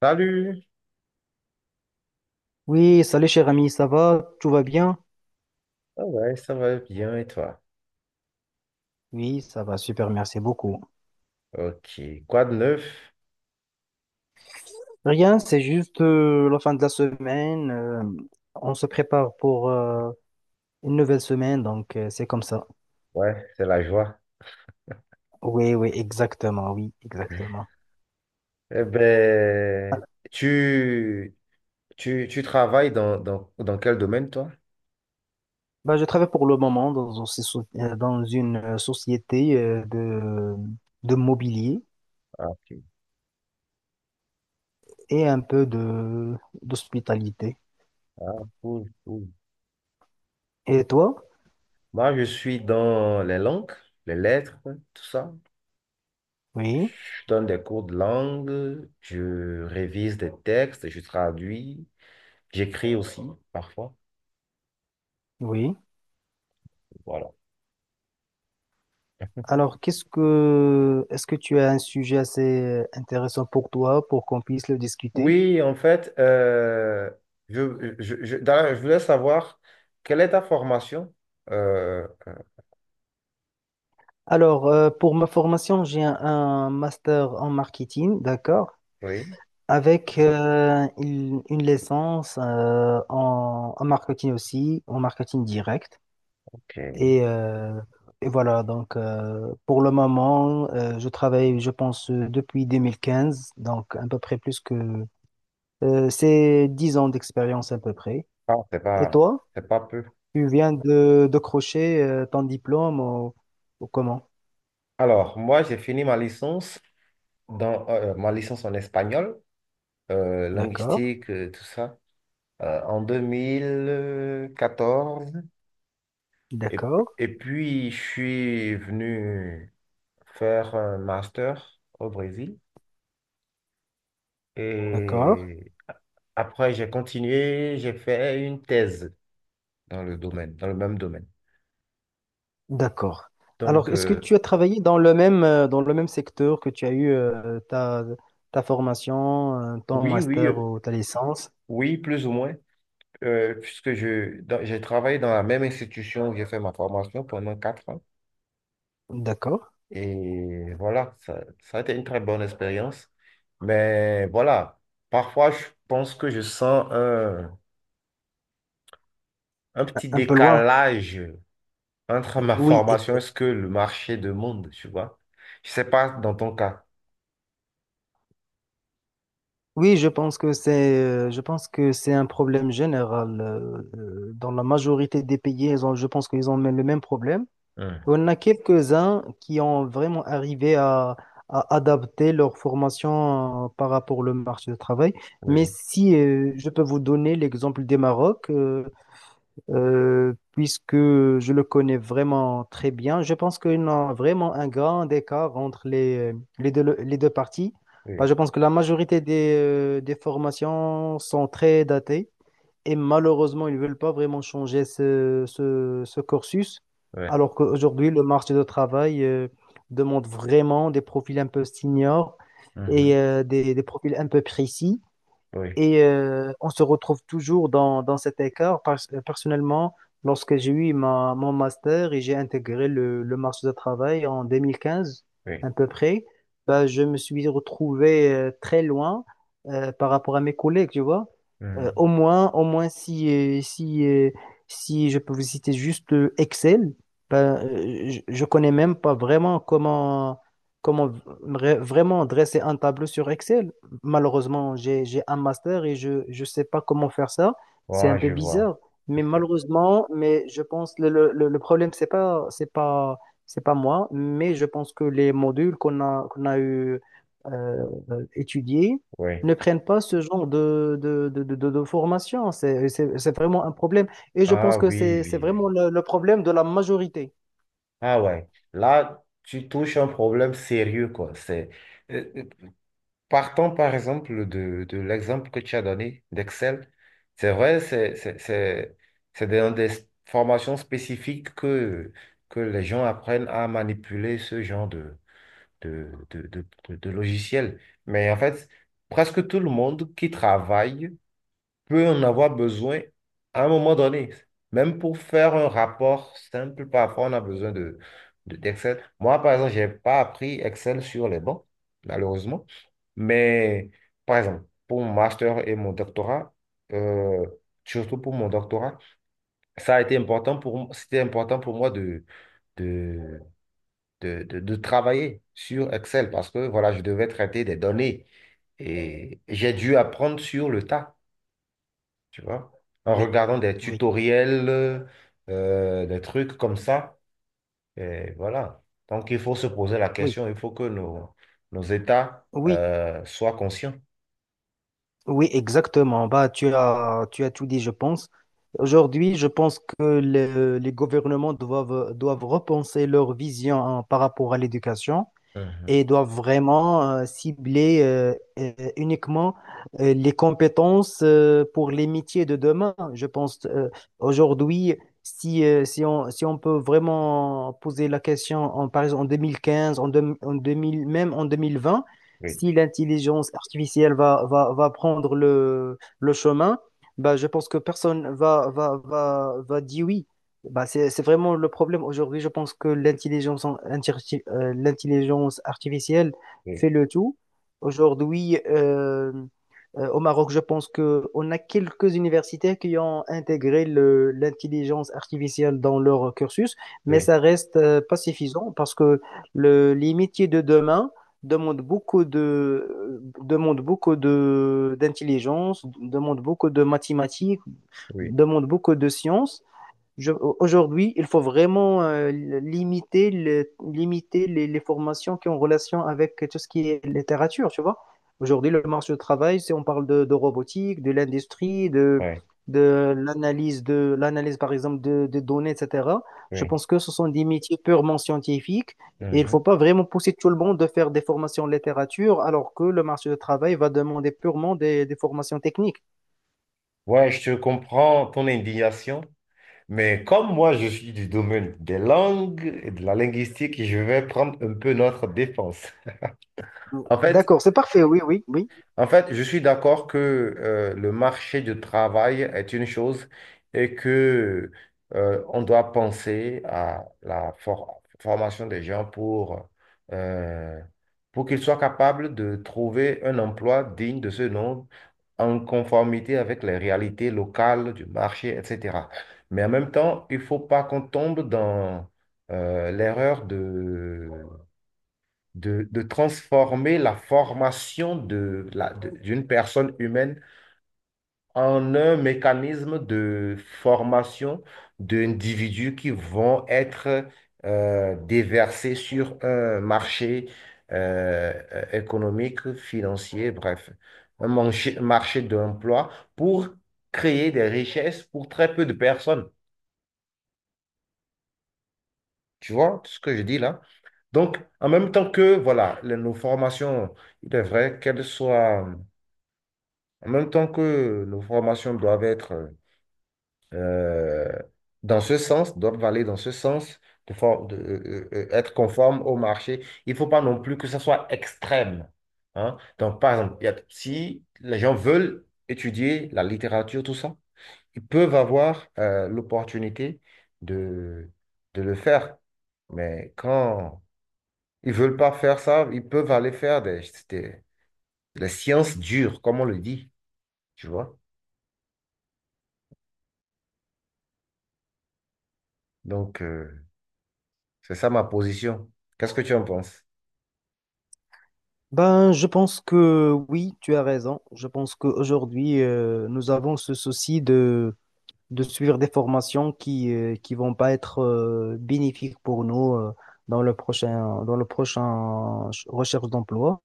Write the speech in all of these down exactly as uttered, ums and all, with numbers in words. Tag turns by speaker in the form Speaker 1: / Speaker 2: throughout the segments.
Speaker 1: Salut!
Speaker 2: Oui, salut cher ami, ça va? Tout va bien?
Speaker 1: Ah ouais, Ça va bien et toi?
Speaker 2: Oui, ça va, super, merci beaucoup.
Speaker 1: Ok. Quoi de neuf?
Speaker 2: Rien, c'est juste euh, la fin de la semaine. euh, on se prépare pour euh, une nouvelle semaine, donc euh, c'est comme ça.
Speaker 1: Ouais, c'est la joie.
Speaker 2: Oui, oui, exactement, oui, exactement.
Speaker 1: Eh ben,
Speaker 2: Voilà.
Speaker 1: tu, tu, tu travailles dans, dans, dans quel domaine, toi?
Speaker 2: Bah, je travaille pour le moment dans, une soci- euh, dans une euh, société euh, de, de, mobilier
Speaker 1: Ah, ok.
Speaker 2: et un peu de d'hospitalité.
Speaker 1: Ah, cool, cool.
Speaker 2: Et toi?
Speaker 1: Moi, je suis dans les langues, les lettres, tout ça.
Speaker 2: Oui,
Speaker 1: Je donne des cours de langue, je révise des textes, je traduis, j'écris aussi, parfois.
Speaker 2: oui.
Speaker 1: Voilà.
Speaker 2: Alors, qu'est-ce que, est-ce que tu as un sujet assez intéressant pour toi pour qu'on puisse le discuter?
Speaker 1: Oui, en fait, euh, je, je, je, d'ailleurs, je voulais savoir quelle est ta formation? Euh, euh,
Speaker 2: Alors, euh, pour ma formation, j'ai un, un master en marketing, d'accord,
Speaker 1: oui,
Speaker 2: avec euh, une, une licence euh, en, en marketing aussi, en marketing direct.
Speaker 1: ok.
Speaker 2: Et, euh, et voilà, donc euh, pour le moment, euh, je travaille, je pense, euh, depuis deux mille quinze, donc à peu près plus que... euh, c'est dix ans d'expérience à peu près.
Speaker 1: Ah, c'est
Speaker 2: Et
Speaker 1: pas,
Speaker 2: toi?
Speaker 1: c'est pas peu.
Speaker 2: Tu viens de décrocher euh, ton diplôme ou, ou, comment?
Speaker 1: Alors, moi, j'ai fini ma licence dans euh, ma licence en espagnol, euh,
Speaker 2: D'accord,
Speaker 1: linguistique, euh, tout ça, euh, en deux mille quatorze. Et,
Speaker 2: d'accord,
Speaker 1: et puis, je suis venu faire un master au Brésil.
Speaker 2: d'accord,
Speaker 1: Et après, j'ai continué, j'ai fait une thèse dans le domaine, dans le même domaine.
Speaker 2: d'accord. Alors,
Speaker 1: Donc,
Speaker 2: est-ce que tu
Speaker 1: euh,
Speaker 2: as travaillé dans le même, euh, dans le même secteur que tu as eu euh, ta, ta formation, euh, ton
Speaker 1: oui, oui,
Speaker 2: master
Speaker 1: euh,
Speaker 2: ou ta licence?
Speaker 1: oui, plus ou moins, euh, puisque je, dans- j'ai travaillé dans la même institution où j'ai fait ma formation pendant quatre ans.
Speaker 2: D'accord.
Speaker 1: Et voilà, ça, ça a été une très bonne expérience. Mais voilà, parfois, je pense que je sens un, un petit
Speaker 2: Un peu loin.
Speaker 1: décalage entre ma
Speaker 2: Oui, et-
Speaker 1: formation et ce que le marché demande, tu vois. Je sais pas dans ton cas.
Speaker 2: oui, je pense que c'est, euh, je pense que c'est un problème général. euh, euh, Dans la majorité des pays, ils ont- je pense qu'ils ont même le même problème.
Speaker 1: Hum.
Speaker 2: On a quelques-uns qui ont vraiment arrivé à, à adapter leur formation euh, par rapport au marché du travail. Mais
Speaker 1: Oui,
Speaker 2: si euh, je peux vous donner l'exemple des Maroc, euh, euh, puisque je le connais vraiment très bien, je pense qu'il y a vraiment un grand écart entre les, euh, les deux, les deux parties. Bah,
Speaker 1: oui,
Speaker 2: je pense que la majorité des, euh, des formations sont très datées. Et malheureusement, ils ne veulent pas vraiment changer ce, ce, ce cursus,
Speaker 1: ouais.
Speaker 2: alors qu'aujourd'hui, le marché de travail euh, demande vraiment des profils un peu seniors et
Speaker 1: Mhm.
Speaker 2: euh, des, des profils un peu précis.
Speaker 1: Oui,
Speaker 2: Et euh, on se retrouve toujours dans, dans cet écart. Parce- euh, personnellement, lorsque j'ai eu ma, mon master et j'ai intégré le, le marché du travail en deux mille quinze
Speaker 1: oui.
Speaker 2: à peu près, bah, je me suis retrouvé euh, très loin euh, par rapport à mes collègues, tu vois. Euh,
Speaker 1: Hum.
Speaker 2: au moins, au moins si, euh, si, euh, si je peux vous citer juste euh, Excel, bah, euh, je, je connais même pas vraiment comment, comment vra- vraiment dresser un tableau sur Excel. Malheureusement, j'ai, j'ai un master et je ne sais pas comment faire ça. C'est un
Speaker 1: Ouais,
Speaker 2: peu
Speaker 1: je vois.
Speaker 2: bizarre, mais malheureusement, mais je pense le, le, le le problème, c'est pas, c'est pas, c'est pas moi, mais je pense que les modules qu'on a, qu'on a eu euh, étudiés
Speaker 1: Oui.
Speaker 2: ne prennent pas ce genre de, de, de, de, de- de formation. C'est, c'est, c'est vraiment un problème. Et je pense
Speaker 1: Ah
Speaker 2: que
Speaker 1: oui,
Speaker 2: c'est, c'est
Speaker 1: oui,
Speaker 2: vraiment
Speaker 1: oui.
Speaker 2: le, le problème de la majorité.
Speaker 1: Ah ouais. Là, tu touches un problème sérieux, quoi. C'est... euh, euh, Partons par exemple de, de l'exemple que tu as donné d'Excel. C'est vrai, c'est c'est- c'est- c'est dans des formations spécifiques que, que les gens apprennent à manipuler ce genre de, de, de, de, de- de logiciel. Mais en fait, presque tout le monde qui travaille peut en avoir besoin à un moment donné. Même pour faire un rapport simple, parfois on a besoin de, de- d'Excel. Moi, par exemple, je n'ai pas appris Excel sur les bancs, malheureusement. Mais, par exemple, pour mon master et mon doctorat, euh, surtout pour mon doctorat, ça a été important pour, m- c'était important pour moi de, de, de, de, de travailler sur Excel parce que, voilà, je devais traiter des données et j'ai dû apprendre sur le tas, tu vois, en
Speaker 2: Oui,
Speaker 1: regardant des
Speaker 2: oui,
Speaker 1: tutoriels, euh, des trucs comme ça. Et voilà. Donc, il faut se poser la
Speaker 2: oui,
Speaker 1: question, il faut que nos, nos États
Speaker 2: oui,
Speaker 1: euh, soient conscients.
Speaker 2: oui, exactement. Bah, tu as, tu as tout dit, je pense. Aujourd'hui, je pense que le- les gouvernements doivent, doivent repenser leur vision hein, par rapport à l'éducation.
Speaker 1: Mhm.
Speaker 2: Et doivent vraiment euh, cibler euh, euh, uniquement euh, les compétences euh, pour les métiers de demain. Je pense euh, aujourd'hui, si, euh, si on, si on peut vraiment poser la question, en, par exemple en deux mille quinze, en, deux- en deux mille, même en deux mille vingt,
Speaker 1: Oui,
Speaker 2: si l'intelligence artificielle va, va, va prendre le, le chemin, bah, je pense que personne va, va, va, va dire oui. Bah, c'est, c'est vraiment le problème aujourd'hui. Je pense que l'intelligence en- interti- euh, l'intelligence artificielle
Speaker 1: oui,
Speaker 2: fait le tout. Aujourd'hui, euh, euh, au Maroc, je pense que on a quelques universités qui ont intégré le- l'intelligence artificielle dans leur cursus, mais
Speaker 1: oui,
Speaker 2: ça reste euh, pas suffisant parce que le, les métiers de demain demandent beaucoup de, demandent beaucoup de, d'intelligence, demandent beaucoup de mathématiques,
Speaker 1: oui,
Speaker 2: demandent beaucoup de sciences. Je- Aujourd'hui, il faut vraiment euh, limiter, le- limiter les, les formations qui ont relation avec tout ce qui est littérature, tu vois. Aujourd'hui, le marché du travail, si on parle de, de robotique, de l'industrie, de,
Speaker 1: ouais,
Speaker 2: de l'analyse, de l'analyse, par exemple, de, de données, et cetera, je
Speaker 1: oui.
Speaker 2: pense que ce sont des métiers purement scientifiques et il ne faut
Speaker 1: Mhm.
Speaker 2: pas vraiment pousser tout le monde de faire des formations en littérature alors que le marché du travail va demander purement des, des formations techniques.
Speaker 1: Ouais, je te comprends ton indignation, mais comme moi, je suis du domaine des langues et de la linguistique, je vais prendre un peu notre défense. En fait,
Speaker 2: D'accord, c'est parfait, oui, oui, oui.
Speaker 1: En fait, je suis d'accord que euh, le marché du travail est une chose et que euh, on doit penser à la for- formation des gens pour, euh, pour qu'ils soient capables de trouver un emploi digne de ce nom, en conformité avec les réalités locales du marché, et cetera. Mais en même temps, il ne faut pas qu'on tombe dans euh, l'erreur de, de transformer la formation de la, de- d'une personne humaine en un mécanisme de formation d'individus qui vont être euh, déversés sur un marché euh, euh, économique, financier, bref, un manché- marché d'emploi pour créer des richesses pour très peu de personnes. Tu vois ce que je dis là? Donc, en même temps que, voilà, les- nos formations, il est vrai qu'elles soient. En même temps que nos formations doivent être euh, dans ce sens, doivent aller dans ce sens, de for- de, euh, euh, euh, être conformes au marché, il ne faut pas non plus que ça soit extrême, hein. Donc, par exemple, il y a- si les gens veulent étudier la littérature, tout ça, ils peuvent avoir euh, l'opportunité de, de le faire. Mais quand ils ne veulent pas faire ça, ils peuvent aller faire des, des, des sciences dures, comme on le dit, tu vois. Donc, euh, c'est ça ma position. Qu'est-ce que tu en penses?
Speaker 2: Ben, je pense que oui, tu as raison. Je pense qu'aujourd'hui, euh, nous avons ce souci de, de suivre des formations qui euh, qui vont pas être euh, bénéfiques pour nous euh, dans le prochain dans le prochain ch- recherche d'emploi.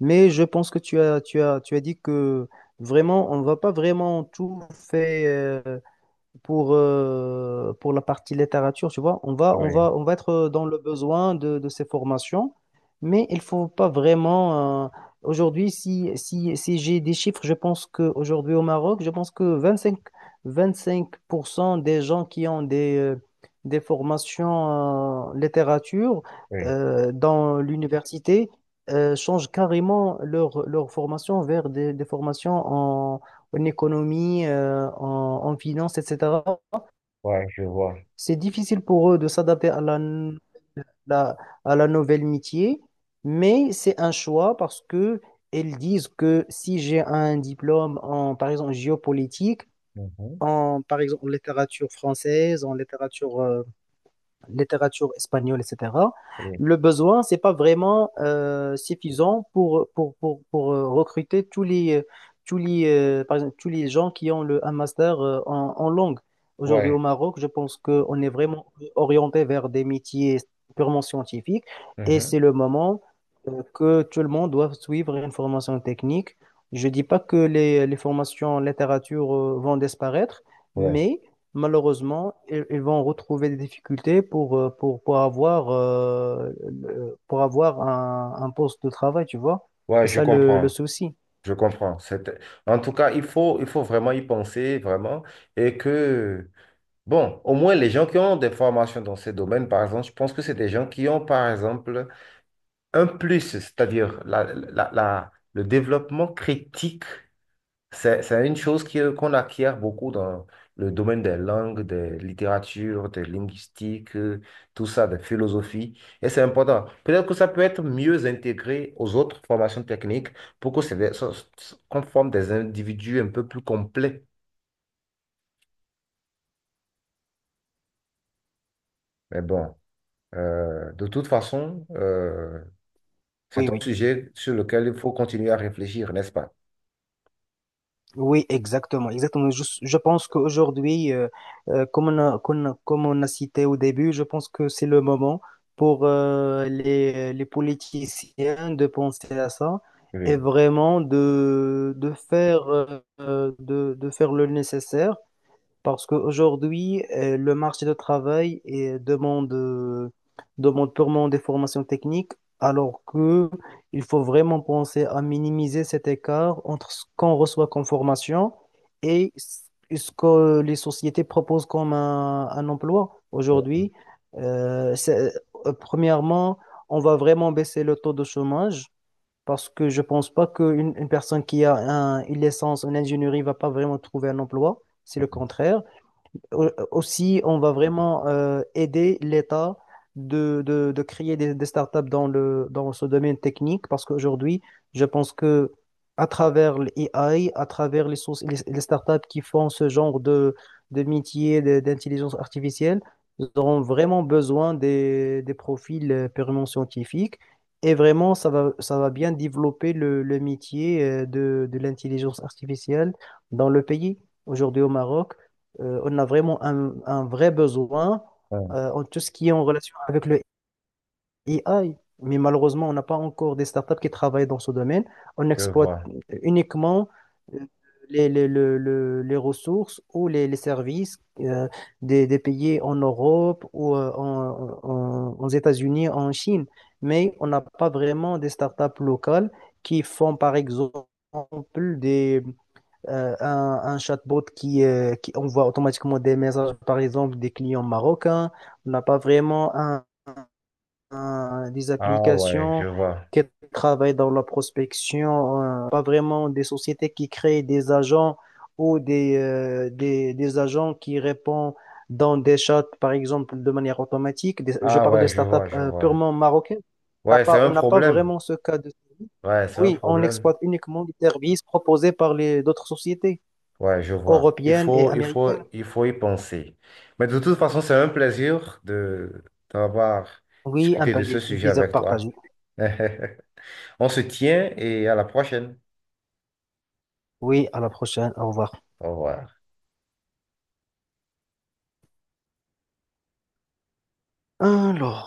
Speaker 2: Mais je pense que tu as tu as tu as dit que vraiment on va pas vraiment tout faire pour, euh, pour la partie littérature, tu vois, on va, on
Speaker 1: Oui,
Speaker 2: va, on va être dans le besoin de, de ces formations, mais il faut pas vraiment. euh, aujourd'hui, si, si, si j'ai des chiffres, je pense qu'aujourd'hui au Maroc, je pense que 25, vingt-cinq pour cent des gens qui ont des, euh, des formations en littérature
Speaker 1: oui,
Speaker 2: euh, dans l'université euh, changent carrément leur, leur formation vers des, des formations en économie, euh, en, en, finance, et cetera.
Speaker 1: ouais, je vois.
Speaker 2: C'est difficile pour eux de s'adapter à la, la- à la nouvelle métier, mais c'est un choix parce que elles disent que si j'ai un diplôme en, par exemple, géopolitique,
Speaker 1: Mhm.
Speaker 2: en, par exemple, en littérature française, en littérature euh, littérature espagnole, et cetera,
Speaker 1: Oui,
Speaker 2: le besoin, c'est pas vraiment euh, suffisant pour, pour, pour, pour euh, recruter tous les, euh, tous les, euh, par exemple, tous les gens qui ont le, un master euh, en, en langue. Aujourd'hui, au
Speaker 1: ouais,
Speaker 2: Maroc, je pense qu'on est vraiment orienté vers des métiers purement scientifiques et
Speaker 1: mhm.
Speaker 2: c'est le moment euh, que tout le monde doit suivre une formation technique. Je dis pas que les, les formations en littérature euh, vont disparaître,
Speaker 1: Ouais,
Speaker 2: mais malheureusement, ils, ils vont retrouver des difficultés pour, euh, pour, pour avoir, euh, le- pour avoir un, un poste de travail, tu vois.
Speaker 1: ouais,
Speaker 2: C'est
Speaker 1: je
Speaker 2: ça le, le
Speaker 1: comprends.
Speaker 2: souci.
Speaker 1: Je comprends. C'est... En tout cas, il faut, il faut vraiment y penser, vraiment. Et que, bon, au moins les gens qui ont des formations dans ces domaines, par exemple, je pense que c'est des gens qui ont, par exemple, un plus, c'est-à-dire la, la, la- le développement critique. C'est, c'est une chose qui- qu'on acquiert beaucoup dans le domaine des langues, des littératures, des linguistiques, euh, tout ça, des philosophies. Et c'est important. Peut-être que ça peut être mieux intégré aux autres formations techniques pour que c'est, ça- ça- qu'on forme des individus un peu plus complets. Mais bon, euh, de toute façon, euh, c'est
Speaker 2: Oui,
Speaker 1: un sujet sur lequel il faut continuer à réfléchir, n'est-ce pas?
Speaker 2: oui, exactement, exactement. Je, je pense qu'aujourd'hui, euh, euh, comme on a, qu'on a- comme on a cité au début, je pense que c'est le moment pour euh, les, les politiciens de penser à ça et
Speaker 1: Oui.
Speaker 2: vraiment de, de faire, euh, de, de faire le nécessaire parce qu'aujourd'hui, euh, le marché de travail euh, demande, euh, demande purement des formations techniques, alors que il faut vraiment penser à minimiser cet écart entre ce qu'on reçoit comme formation et ce ce que les sociétés proposent comme un, un emploi. Aujourd'hui, Euh, c'est- euh, premièrement, on va vraiment baisser le taux de chômage. Parce que je pense pas qu'une une personne qui a un, une licence en ingénierie va pas vraiment trouver un emploi. C'est le contraire. Au- Aussi, on va vraiment euh, aider l'État de, de, de créer des, des startups dans le, dans ce domaine technique parce qu'aujourd'hui, je pense que à travers l'A I, à travers les, sources- les, les startups qui font ce genre de, de métier de- d'intelligence artificielle, ils auront vraiment besoin des, des profils euh, purement scientifiques et vraiment, ça va, ça va bien développer le, le métier euh, de, de l'intelligence artificielle dans le pays. Aujourd'hui au Maroc, euh, on a vraiment un, un vrai besoin
Speaker 1: Hum.
Speaker 2: euh, en tout ce qui est en relation avec le A I. Mais malheureusement, on n'a pas encore des startups qui travaillent dans ce domaine. On
Speaker 1: Je
Speaker 2: exploite
Speaker 1: vois.
Speaker 2: uniquement euh, les, les, le- le- les ressources ou les, les services euh, des, des pays en Europe ou euh, en, en- aux États-Unis, en Chine. Mais on n'a pas vraiment des startups locales qui font, par exemple, des, euh, un, un chatbot qui, euh, qui envoie automatiquement des messages, par exemple, des clients marocains. On n'a pas vraiment un- un- des
Speaker 1: Ah ouais, je
Speaker 2: applications
Speaker 1: vois.
Speaker 2: qui travaillent dans la prospection, euh, pas vraiment des sociétés qui créent des agents ou des, euh, des, des agents qui répondent dans des chats, par exemple, de manière automatique. Des- je
Speaker 1: Ah
Speaker 2: parle de
Speaker 1: ouais, je vois,
Speaker 2: startups
Speaker 1: je
Speaker 2: euh,
Speaker 1: vois.
Speaker 2: purement marocaines. On n'a
Speaker 1: Ouais, c'est
Speaker 2: pas,
Speaker 1: un
Speaker 2: on n'a pas
Speaker 1: problème.
Speaker 2: vraiment ce cas de...
Speaker 1: Ouais, c'est un
Speaker 2: Oui, on
Speaker 1: problème.
Speaker 2: exploite uniquement les services proposés par les d'autres sociétés
Speaker 1: Ouais, je vois. Il
Speaker 2: européenne et
Speaker 1: faut, il faut,
Speaker 2: américaine.
Speaker 1: il faut y penser. Mais de toute façon, c'est un plaisir de d'avoir
Speaker 2: Oui, un
Speaker 1: discuté
Speaker 2: pla-
Speaker 1: de ce
Speaker 2: un
Speaker 1: sujet
Speaker 2: plaisir
Speaker 1: avec
Speaker 2: partagé.
Speaker 1: toi. On se tient et à la prochaine.
Speaker 2: Oui, à la prochaine. Au revoir.
Speaker 1: Au revoir.
Speaker 2: Alors.